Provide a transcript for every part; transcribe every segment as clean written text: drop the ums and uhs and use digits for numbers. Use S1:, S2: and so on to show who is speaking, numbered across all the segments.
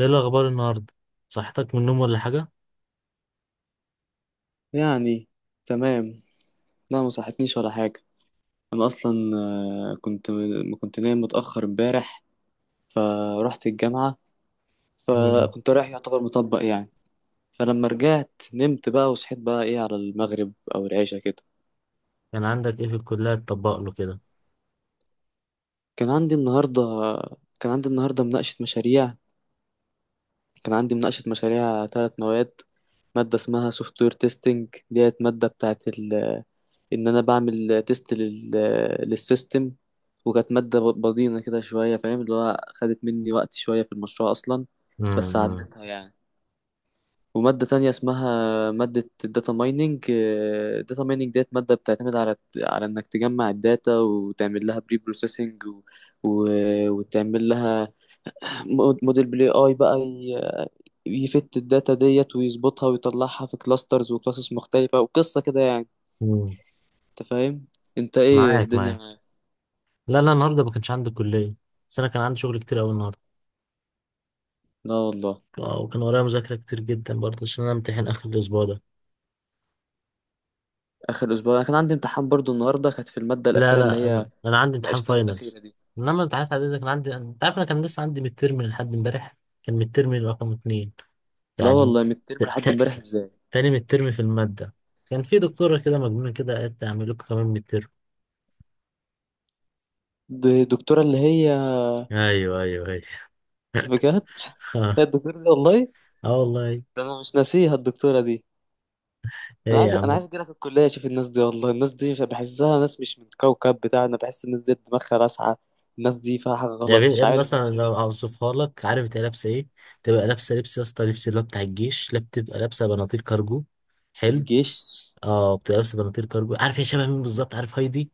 S1: ايه الاخبار النهارده؟ صحتك من النوم ولا حاجه؟
S2: يعني، تمام. لا، ما صحتنيش ولا حاجة. أنا أصلا، آه، كنت ما كنت نايم متأخر امبارح. فرحت الجامعة.
S1: امم.
S2: فكنت رايح يعتبر مطبق، يعني. فلما رجعت نمت بقى وصحيت بقى إيه على المغرب أو العشاء كده.
S1: كان عندك ايه في الكليه تطبق له كده؟
S2: كان عندي النهاردة كان عندي النهاردة مناقشة مشاريع. كان عندي مناقشة مشاريع ثلاث مواد. مادة اسمها سوفت وير تيستنج، ديت مادة بتاعت ان انا بعمل تيست للسيستم. وكانت مادة بضينة كده شوية، فاهم؟ اللي هو خدت مني وقت شوية في المشروع اصلا. بس
S1: امم،
S2: عديتها، يعني. ومادة تانية اسمها مادة الداتا مايننج. الداتا مايننج ديت مادة بتعتمد على انك تجمع الداتا وتعمل لها بري بروسيسنج و... وتعمل لها موديل بلاي اي بقى يفت الداتا ديت ويظبطها ويطلعها في كلاسترز وكلاسز مختلفة، وقصة كده، يعني.
S1: امم.
S2: انت فاهم؟ انت، ايه
S1: معاك، معاك.
S2: الدنيا؟
S1: لا، لا، النهارده ما كانش عندي كليه. بس انا كان عندي شغل كتير قوي النهارده.
S2: لا والله.
S1: وكان ورايا مذاكره كتير جدا برضه عشان انا امتحن اخر الاسبوع ده.
S2: اخر اسبوع انا كان عندي امتحان برضو، النهارده كانت في الماده
S1: لا،
S2: الاخيره اللي
S1: لا،
S2: هي
S1: أنا عندي امتحان
S2: ناقشتها الاخيره
S1: فاينلز.
S2: دي.
S1: انما الامتحانات العاديه ده كان عندي، انت عارف انا كان لسه عندي ميد ترم لحد امبارح. كان ميد ترم رقم 2
S2: لا
S1: يعني.
S2: والله، من الترم
S1: ت...
S2: لحد امبارح
S1: ت...
S2: ازاي؟
S1: تاني ميد ترم في الماده. كان في دكتوره كده مجنونه كده، قالت اعمل لكم كمان ميد.
S2: دي الدكتوره اللي هي.
S1: ايوه، ايوه، ايوه.
S2: بجد؟ هي الدكتوره دي والله.
S1: اه والله.
S2: ده انا مش ناسيها الدكتوره دي. انا
S1: ايه يا
S2: عايز انا
S1: عم؟
S2: عايز اجي لك الكليه اشوف الناس دي، والله الناس دي مش بحسها ناس، مش من الكوكب بتاعنا، بحس الناس دي دماغها لاسعه. الناس دي فيها حاجه
S1: يا
S2: غلط،
S1: ابني، يا
S2: مش
S1: ابني،
S2: عارف
S1: مثلا
S2: انا ايه
S1: لو
S2: ده.
S1: اوصفها لك، عارف تبقى لابسه ايه؟ تبقى لابسه لبس، يا اسطى، لبس اللي هو بتاع الجيش، لا بتبقى لابسه بناطيل كارجو. حلو.
S2: الجيش.
S1: اه، بتبقى لابسه بناطيل كارجو، عارف هي شبه مين بالظبط؟ عارف هايدي؟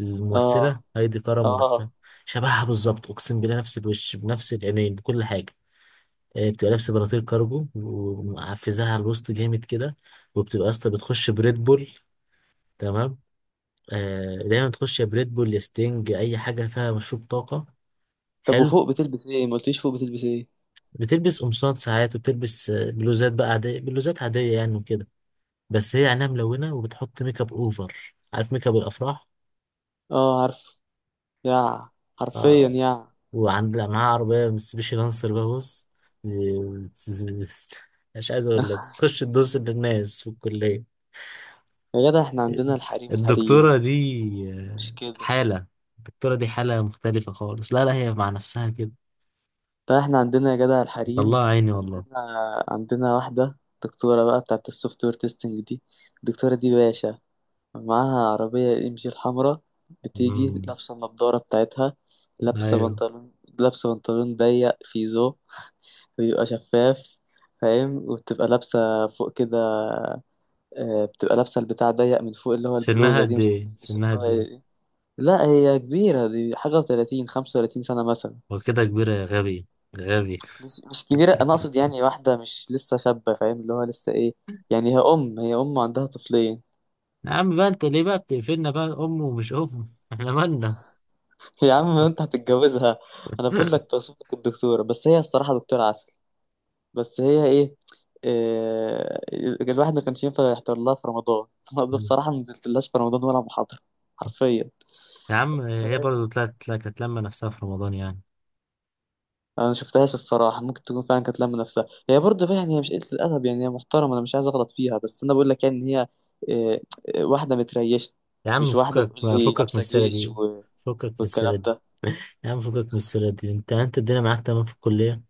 S1: الممثله
S2: اه،
S1: هايدي كرم ولا اسمها؟
S2: اه.
S1: شبهها بالظبط، اقسم بالله، نفس الوش بنفس العينين بكل حاجه. بتبقى لابسه بناطيل كارجو ومعفزاها على الوسط جامد كده. وبتبقى يا اسطى بتخش بريد بول. تمام. دايما تخش يا بريد بول يا ستينج، اي حاجه فيها مشروب طاقه.
S2: طب
S1: حلو.
S2: وفوق بتلبس ايه؟ ما قلتليش فوق بتلبس ايه.
S1: بتلبس قمصان ساعات، وبتلبس بلوزات بقى عاديه، بلوزات عاديه يعني وكده. بس هي عينها ملونه وبتحط ميك اب اوفر، عارف ميك اب الافراح؟
S2: اه، عارف. يا، حرفيا
S1: آه،
S2: يا.
S1: وعند، لا، معاها عربيه mitsubishi لانسر بقى، بص. مش عايز اقول لك تخش تدوس للناس في الكليه.
S2: يا جدع، احنا عندنا الحريم حريم.
S1: الدكتوره دي
S2: مش كده؟
S1: حاله. الدكتوره دي حاله مختلفه خالص، لا، لا، هي مع نفسها كده.
S2: طيب احنا عندنا يا جدع الحريم.
S1: الله، عيني والله.
S2: عندنا عندنا واحدة، دكتورة بقى بتاعت السوفت وير تيستنج دي. الدكتورة دي باشا، معاها عربية MG الحمراء. بتيجي
S1: مم.
S2: لابسة النضارة بتاعتها، لابسة
S1: ايوه.
S2: بنطلون. لابسة بنطلون ضيق فيزو، بيبقى شفاف، فاهم؟ وبتبقى لابسة فوق كده، بتبقى لابسة البتاع ضيق من فوق، اللي هو
S1: سنها
S2: البلوزة دي
S1: قد
S2: مش عارف
S1: ايه؟ سنها
S2: بيسموها
S1: قد ايه؟
S2: ايه. لا هي كبيرة، دي حاجة وتلاتين، 35 سنة مثلا.
S1: وكده كبيرة يا غبي؟ غبي!
S2: مش كبيرة، أنا أقصد يعني واحدة مش لسه شابة، فاهم؟ اللي هو لسه إيه، يعني هي أم عندها طفلين.
S1: يا عم بقى، انت ليه بقى بتقفلنا بقى ام ومش ام، احنا مالنا؟
S2: يا عم، ما أنت هتتجوزها. أنا بقول لك توصف لك الدكتورة، بس هي الصراحة دكتورة عسل. بس هي إيه, إيه الواحد ما كانش ينفع يحضر لها في رمضان. أنا بصراحة ما نزلتلهاش في رمضان ولا محاضرة. حرفيا.
S1: يا عم، هي
S2: فاهم؟
S1: برضه طلعت كانت لما نفسها في رمضان يعني.
S2: انا ما شفتهاش الصراحه، ممكن تكون فعلا كانت لامه نفسها، هي برضه بقى يعني، هي مش قله الادب، يعني هي محترمه، انا مش عايز اغلط فيها، بس انا بقول لك يعني ان هي آه، واحده متريشه.
S1: يا عم
S2: مش واحده
S1: فكك.
S2: تقول لي
S1: فكك من
S2: لابسه
S1: السيرة
S2: جيش
S1: دي. فكك من السيرة
S2: والكلام
S1: دي.
S2: ده.
S1: يا عم فكك من السيرة دي، انت الدنيا معاك تمام في الكلية؟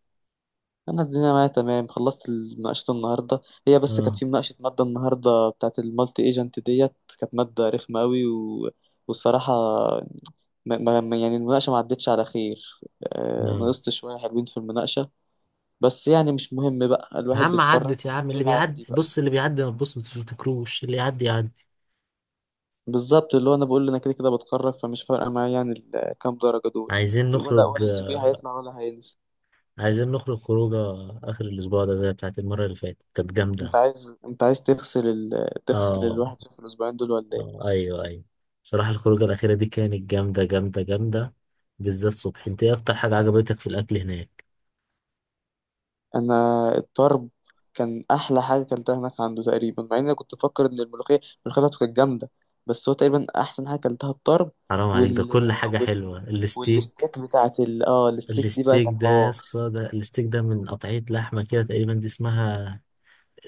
S2: انا الدنيا معايا تمام، خلصت مناقشه النهارده. هي بس كانت
S1: اه،
S2: في مناقشه ماده النهارده بتاعت المالتي ايجنت ديت. كانت ماده رخمه قوي والصراحه يعني المناقشه ما عدتش على خير.
S1: اه.
S2: نقصت شويه حلوين في المناقشه. بس يعني مش مهم بقى،
S1: يا
S2: الواحد
S1: عم
S2: بيتخرج.
S1: عدت، يا عم اللي
S2: بيقول عادي
S1: بيعدي،
S2: بقى.
S1: بص، اللي بيعدي ما تبص ما تفتكروش، اللي يعدي يعدي.
S2: بالظبط، اللي هو انا بقول انا كده كده بتخرج، فمش فارقه معايا يعني كام درجه دول،
S1: عايزين
S2: ولا
S1: نخرج
S2: ولا الـ GP هيطلع ولا هينزل.
S1: عايزين نخرج خروجه. آخر الأسبوع ده زي بتاعت المرة اللي فاتت كانت
S2: انت
S1: جامدة.
S2: عايز انت عايز تغسل تغسل
S1: آه،
S2: الواحد في الاسبوعين دول ولا ايه.
S1: آه، أيوه، أيوه. بصراحة الخروجة الأخيرة دي كانت جامدة، جامدة، جامدة. بالذات صبح، أنت إيه أكتر حاجة عجبتك في الأكل هناك؟
S2: انا، الطرب كان احلى حاجه اكلتها هناك عنده تقريبا، مع ان انا كنت بفكر ان الملوخيه. الملوخيه بتاعته كانت جامده. بس هو تقريبا احسن حاجه اكلتها الطرب.
S1: حرام عليك، ده
S2: وال
S1: كل حاجة
S2: وال
S1: حلوة، الستيك.
S2: والستيك بتاعت ال... اه الستيك دي بقى
S1: الستيك
S2: كانت
S1: ده يا
S2: حوار.
S1: اسطى، ده الستيك ده من قطعية لحمة كده، تقريبا دي اسمها.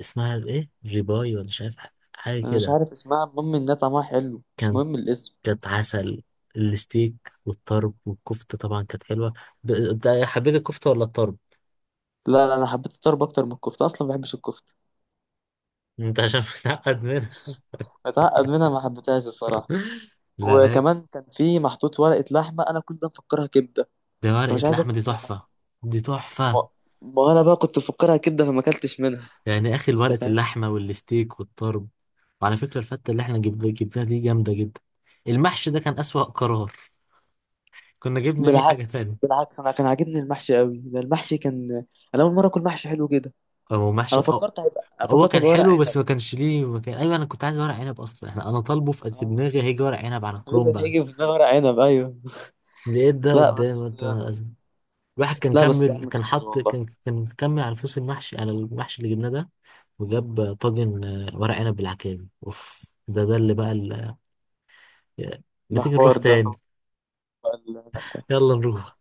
S1: اسمها إيه؟ ريباي ولا مش عارف. حاجة
S2: انا مش
S1: كده.
S2: عارف اسمها، المهم انها طعمها حلو، مش
S1: كانت
S2: مهم الاسم.
S1: كانت عسل. الستيك. والطرب والكفتة طبعا كانت حلوة. حبيت الكفتة ولا الطرب؟
S2: لا، لا، انا حبيت الطرب اكتر من الكفته، اصلا ما بحبش الكفته.
S1: انت عشان متعقد منها.
S2: متعقد منها، ما حبيتهاش الصراحة.
S1: لا، لا.
S2: وكمان كان في محطوط ورقة لحمة، أنا كنت مفكرها كبدة،
S1: ده ورقة
S2: فمش عايز
S1: لحمة
S2: آكل
S1: دي تحفة.
S2: منها.
S1: دي
S2: ما,
S1: تحفة.
S2: ما أنا بقى كنت مفكرها كبدة فما أكلتش منها.
S1: يعني يا اخي،
S2: أنت
S1: ورقة
S2: فاهم؟
S1: اللحمة والستيك والطرب. وعلى فكرة الفتة اللي احنا جبناها دي جامدة جدا. المحشي ده كان أسوأ قرار. كنا جبنا بيه حاجة
S2: بالعكس،
S1: تانية.
S2: بالعكس، أنا كان عاجبني المحشي قوي ده، المحشي كان، أنا أول مرة أكل محشي حلو كده.
S1: هو محشي أو.
S2: أنا
S1: هو
S2: فكرت
S1: كان
S2: هيبقى ورق
S1: حلو
S2: عنب.
S1: بس ما كانش ليه ما كان... ايوه انا كنت عايز ورق عنب اصلا، انا طالبه في
S2: آه.
S1: دماغي هيجي ورق عنب على
S2: إيه اللي
S1: كرومب
S2: هيجي في دماغي ورق عنب، أيوه.
S1: لقيت ده
S2: لا،
S1: قدامي
S2: بس.
S1: قلت انا. الواحد كان
S2: لا، بس يا
S1: كمل،
S2: عم
S1: كان
S2: كان حلو
S1: حط،
S2: والله.
S1: كان كمل على الفصل المحشي على المحشي اللي جبناه ده. وجاب طاجن ورق عنب بالعكاوي، اوف، ده اللي بقى ما
S2: ده
S1: تيجي نروح
S2: حوار ده،
S1: تاني؟
S2: طب العنب ده.
S1: يلا نروح.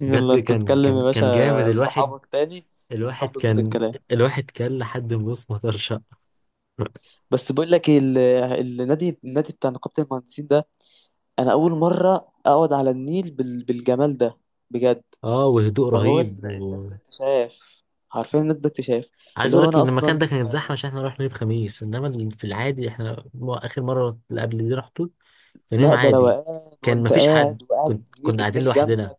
S2: يلا
S1: بجد
S2: أنت
S1: كان
S2: تكلم
S1: كان
S2: يا
S1: كان جامد
S2: باشا
S1: الواحد.
S2: صحابك تاني، ونروح
S1: الواحد
S2: نظبط
S1: كان.
S2: الكلام.
S1: الواحد كان لحد ما بص مطر شقة.
S2: بس بقول لك إيه، النادي بتاع نقابة المهندسين ده، انا اول مرة اقعد على النيل بالجمال ده، بجد.
S1: اه، وهدوء
S2: فهو
S1: رهيب
S2: النادي ده
S1: و...
S2: اكتشاف، عارفين النادي ده اكتشاف.
S1: عايز
S2: اللي
S1: اقول
S2: هو
S1: لك
S2: انا
S1: ان المكان
S2: اصلا،
S1: ده كانت زحمه عشان احنا رحنا يوم خميس، انما في العادي احنا اخر مره اللي قبل دي رحته. كان يوم
S2: لا ده
S1: عادي.
S2: روقان،
S1: كان
S2: وانت
S1: مفيش حد،
S2: قاعد وقاعد،
S1: كنت
S2: النيل
S1: كنا قاعدين
S2: النيل
S1: لوحدنا.
S2: جنبك،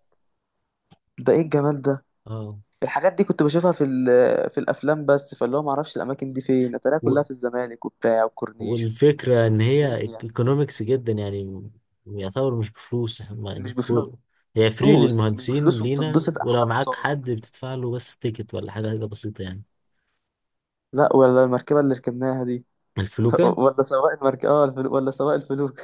S2: ده ايه الجمال ده.
S1: اه.
S2: الحاجات دي كنت بشوفها في الافلام بس، فاللي هو ما اعرفش الاماكن دي فين، اتاريها كلها في الزمالك وبتاع وكورنيش.
S1: والفكرة إن هي
S2: دنيا.
S1: ايكونومكس جدا يعني. يعتبر مش بفلوس هم
S2: مش
S1: يعني هي فري
S2: بفلوس، مش
S1: للمهندسين
S2: بفلوس،
S1: لينا،
S2: وبتتبسط احلى
S1: ولو معاك
S2: انبساط.
S1: حد بتدفع له بس تيكت ولا حاجة، حاجة بسيطة يعني.
S2: لا ولا المركبة اللي ركبناها دي.
S1: الفلوكة.
S2: ولا سواق المركبة، ولا سواق الفلوك.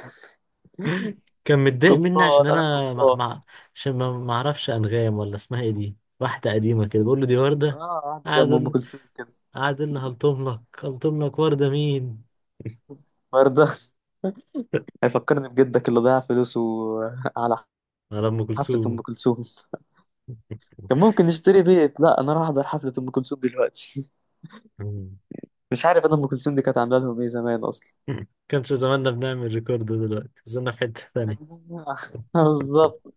S1: كان متضايق مني
S2: قبطان،
S1: عشان
S2: أنا
S1: أنا
S2: القبطان.
S1: عشان ما أعرفش أنغام ولا اسمها إيه، دي واحدة قديمة كده بقول له دي وردة.
S2: اه، قاعد زي
S1: قعد
S2: أم
S1: يقول-
S2: كلثوم كده.
S1: قعد يقول لي: هلطم لك، هلطم لك، وردة مين؟
S2: وردة. هيفكرني بجدك اللي ضيع فلوسه. على
S1: على أم
S2: حفلة أم
S1: كلثوم.
S2: كلثوم. كان ممكن نشتري بيت، لا أنا راح أحضر حفلة أم كلثوم دلوقتي؟ مش عارف أنا أم كلثوم دي كانت عاملة لهم إيه زمان أصلا.
S1: كانش زماننا، بنعمل ريكورد دلوقتي؟ زلنا في حتة تانية.
S2: بالظبط.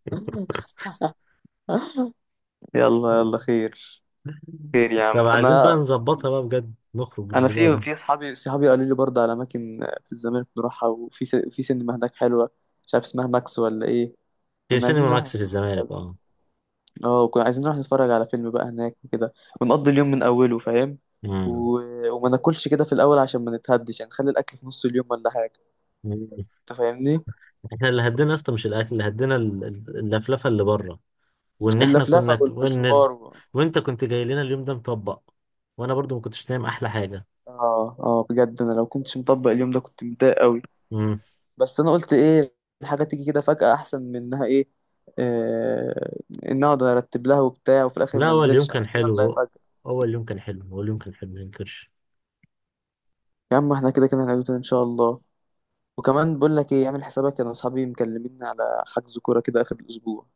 S2: يلا يلا خير، خير يا
S1: طب
S2: عم
S1: عايزين بقى
S2: أنا.
S1: نظبطها بقى، بجد نخرج
S2: انا
S1: الأسبوع
S2: في
S1: ده.
S2: في صحابي، صحابي قالوا لي برضه على اماكن في الزمالك نروحها، وفي س... في سينما هناك حلوه، مش عارف اسمها ماكس ولا ايه.
S1: في
S2: كنا عايزين
S1: سينما
S2: نروح
S1: ماكس في الزمالك،
S2: نتفرج-
S1: اه.
S2: اه كنا عايزين نروح نتفرج على فيلم بقى هناك وكده، ونقضي اليوم من اوله، فاهم؟
S1: مم.
S2: و... وما ناكلش كده في الاول عشان ما نتهدش، يعني نخلي الاكل في نص اليوم ولا حاجه،
S1: مم.
S2: انت فاهمني؟
S1: احنا اللي هدينا اصلا مش الاكل اللي هدينا، اللفلفه اللي بره. وان احنا
S2: اللفلفه
S1: كنا ت- وان ال-
S2: والمشوار
S1: وانت كنت جاي لنا اليوم ده مطبق. وانا برضو ما كنتش نايم، احلى حاجه.
S2: اه، اه، بجد. انا لو كنتش مطبق اليوم ده كنت متضايق قوي.
S1: مم.
S2: بس انا قلت ايه، الحاجه تيجي كده فجأة احسن من انها ايه، آه ان اقعد ارتب لها وبتاع وفي الاخر
S1: لا،
S2: ما
S1: هو اليوم
S2: انزلش. أنا
S1: كان
S2: قلت يلا يا
S1: حلو.
S2: فجأة.
S1: اول يوم كان حلو، هو اليوم كان حلو ما ينكرش.
S2: يا عم، احنا كده كده هنعمله تاني ان شاء الله. وكمان بقول لك ايه، اعمل حسابك، انا اصحابي مكلميني على حجز كوره كده اخر الاسبوع،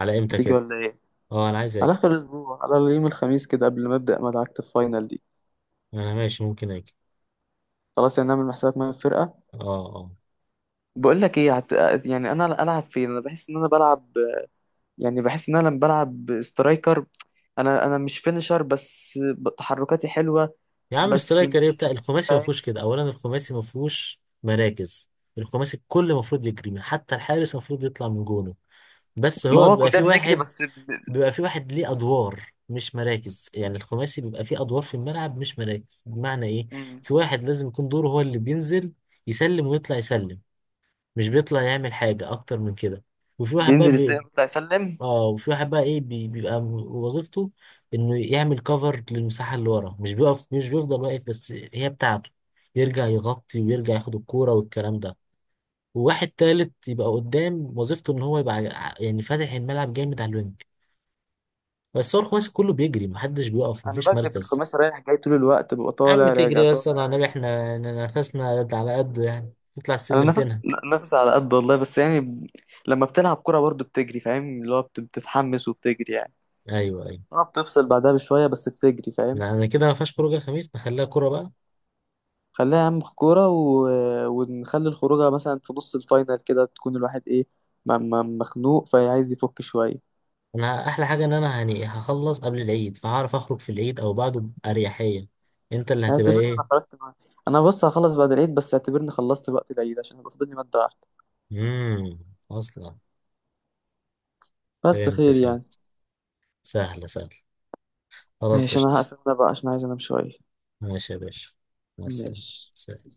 S1: على امتى
S2: هتيجي
S1: كده؟
S2: ولا ايه؟
S1: اه، انا عايز
S2: على
S1: اجي.
S2: اخر الاسبوع على يوم الخميس كده قبل ما ابدا مدعكه الفاينل دي.
S1: انا ماشي، ممكن اجي.
S2: خلاص يعني نعمل حسابك معايا في الفرقه.
S1: اه، اه.
S2: بقول لك ايه يعني انا العب فين، انا بحس ان انا بلعب، يعني بحس ان انا لما بلعب سترايكر، انا مش فينشر، بس تحركاتي حلوه.
S1: يا عم
S2: بس
S1: سترايكر ايه؟
S2: مش
S1: بتاع الخماسي ما
S2: فاهم.
S1: فيهوش كده. اولا الخماسي ما فيهوش مراكز. الخماسي الكل المفروض يجري، حتى الحارس المفروض يطلع من جونه. بس
S2: ما
S1: هو
S2: هو
S1: بيبقى
S2: كلنا
S1: في
S2: بنجري
S1: واحد.
S2: بس
S1: بيبقى في واحد ليه ادوار مش مراكز، يعني الخماسي بيبقى فيه ادوار في الملعب مش مراكز، بمعنى ايه؟
S2: مم.
S1: في واحد لازم يكون دوره هو اللي بينزل. يسلم، ويطلع يسلم. مش بيطلع يعمل حاجة اكتر من كده. وفي واحد بقى.
S2: بينزل يستلم يطلع يسلم.
S1: اه، وفي واحد بقى ايه، بيبقى وظيفته انه يعمل كفر للمساحه اللي ورا، مش بيقف، مش بيفضل واقف بس هي بتاعته. يرجع يغطي ويرجع ياخد الكوره والكلام ده. وواحد تالت يبقى قدام، وظيفته ان هو يبقى يعني فاتح الملعب جامد على الوينج. بس هو الخماسي كله بيجري، محدش بيقف،
S2: انا
S1: مفيش
S2: بجري في
S1: مركز.
S2: الخماسي رايح جاي طول الوقت، ببقى
S1: عم
S2: طالع راجع
S1: تجري؟ بس
S2: طالع
S1: انا
S2: راجع.
S1: النبي احنا إن نفسنا على قده، يعني تطلع
S2: انا
S1: السلم
S2: نفس،
S1: تنهك.
S2: نفس على قد والله، بس يعني لما بتلعب كرة برضو بتجري، فاهم؟ اللي هو بتتحمس وبتجري، يعني.
S1: ايوه، ايوه.
S2: اه بتفصل بعدها بشويه بس بتجري، فاهم؟
S1: يعني كده ما فيهاش خروجه خميس، نخليها كوره بقى.
S2: خليها اهم في كوره ونخلي الخروجه مثلا في نص الفاينل كده، تكون الواحد ايه، مخنوق فعايز يفك شويه.
S1: انا احلى حاجه ان انا يعني هخلص قبل العيد، فهعرف اخرج في العيد او بعده باريحيه. انت اللي هتبقى
S2: اعتبرني
S1: ايه؟
S2: انا خرجت معاك. انا بص، هخلص بعد العيد، بس اعتبرني خلصت وقت العيد، عشان هيبقى فاضل لي ماده واحده.
S1: امم. اصلا.
S2: بس
S1: فهمت،
S2: خير يعني.
S1: فهمت. سهله، سهله. خلاص،
S2: ماشي، انا
S1: قشطه.
S2: هقفل انا بقى عشان عايز انام شويه.
S1: ماشي يا باشا. مع السلامه.
S2: ماشي.
S1: سلام.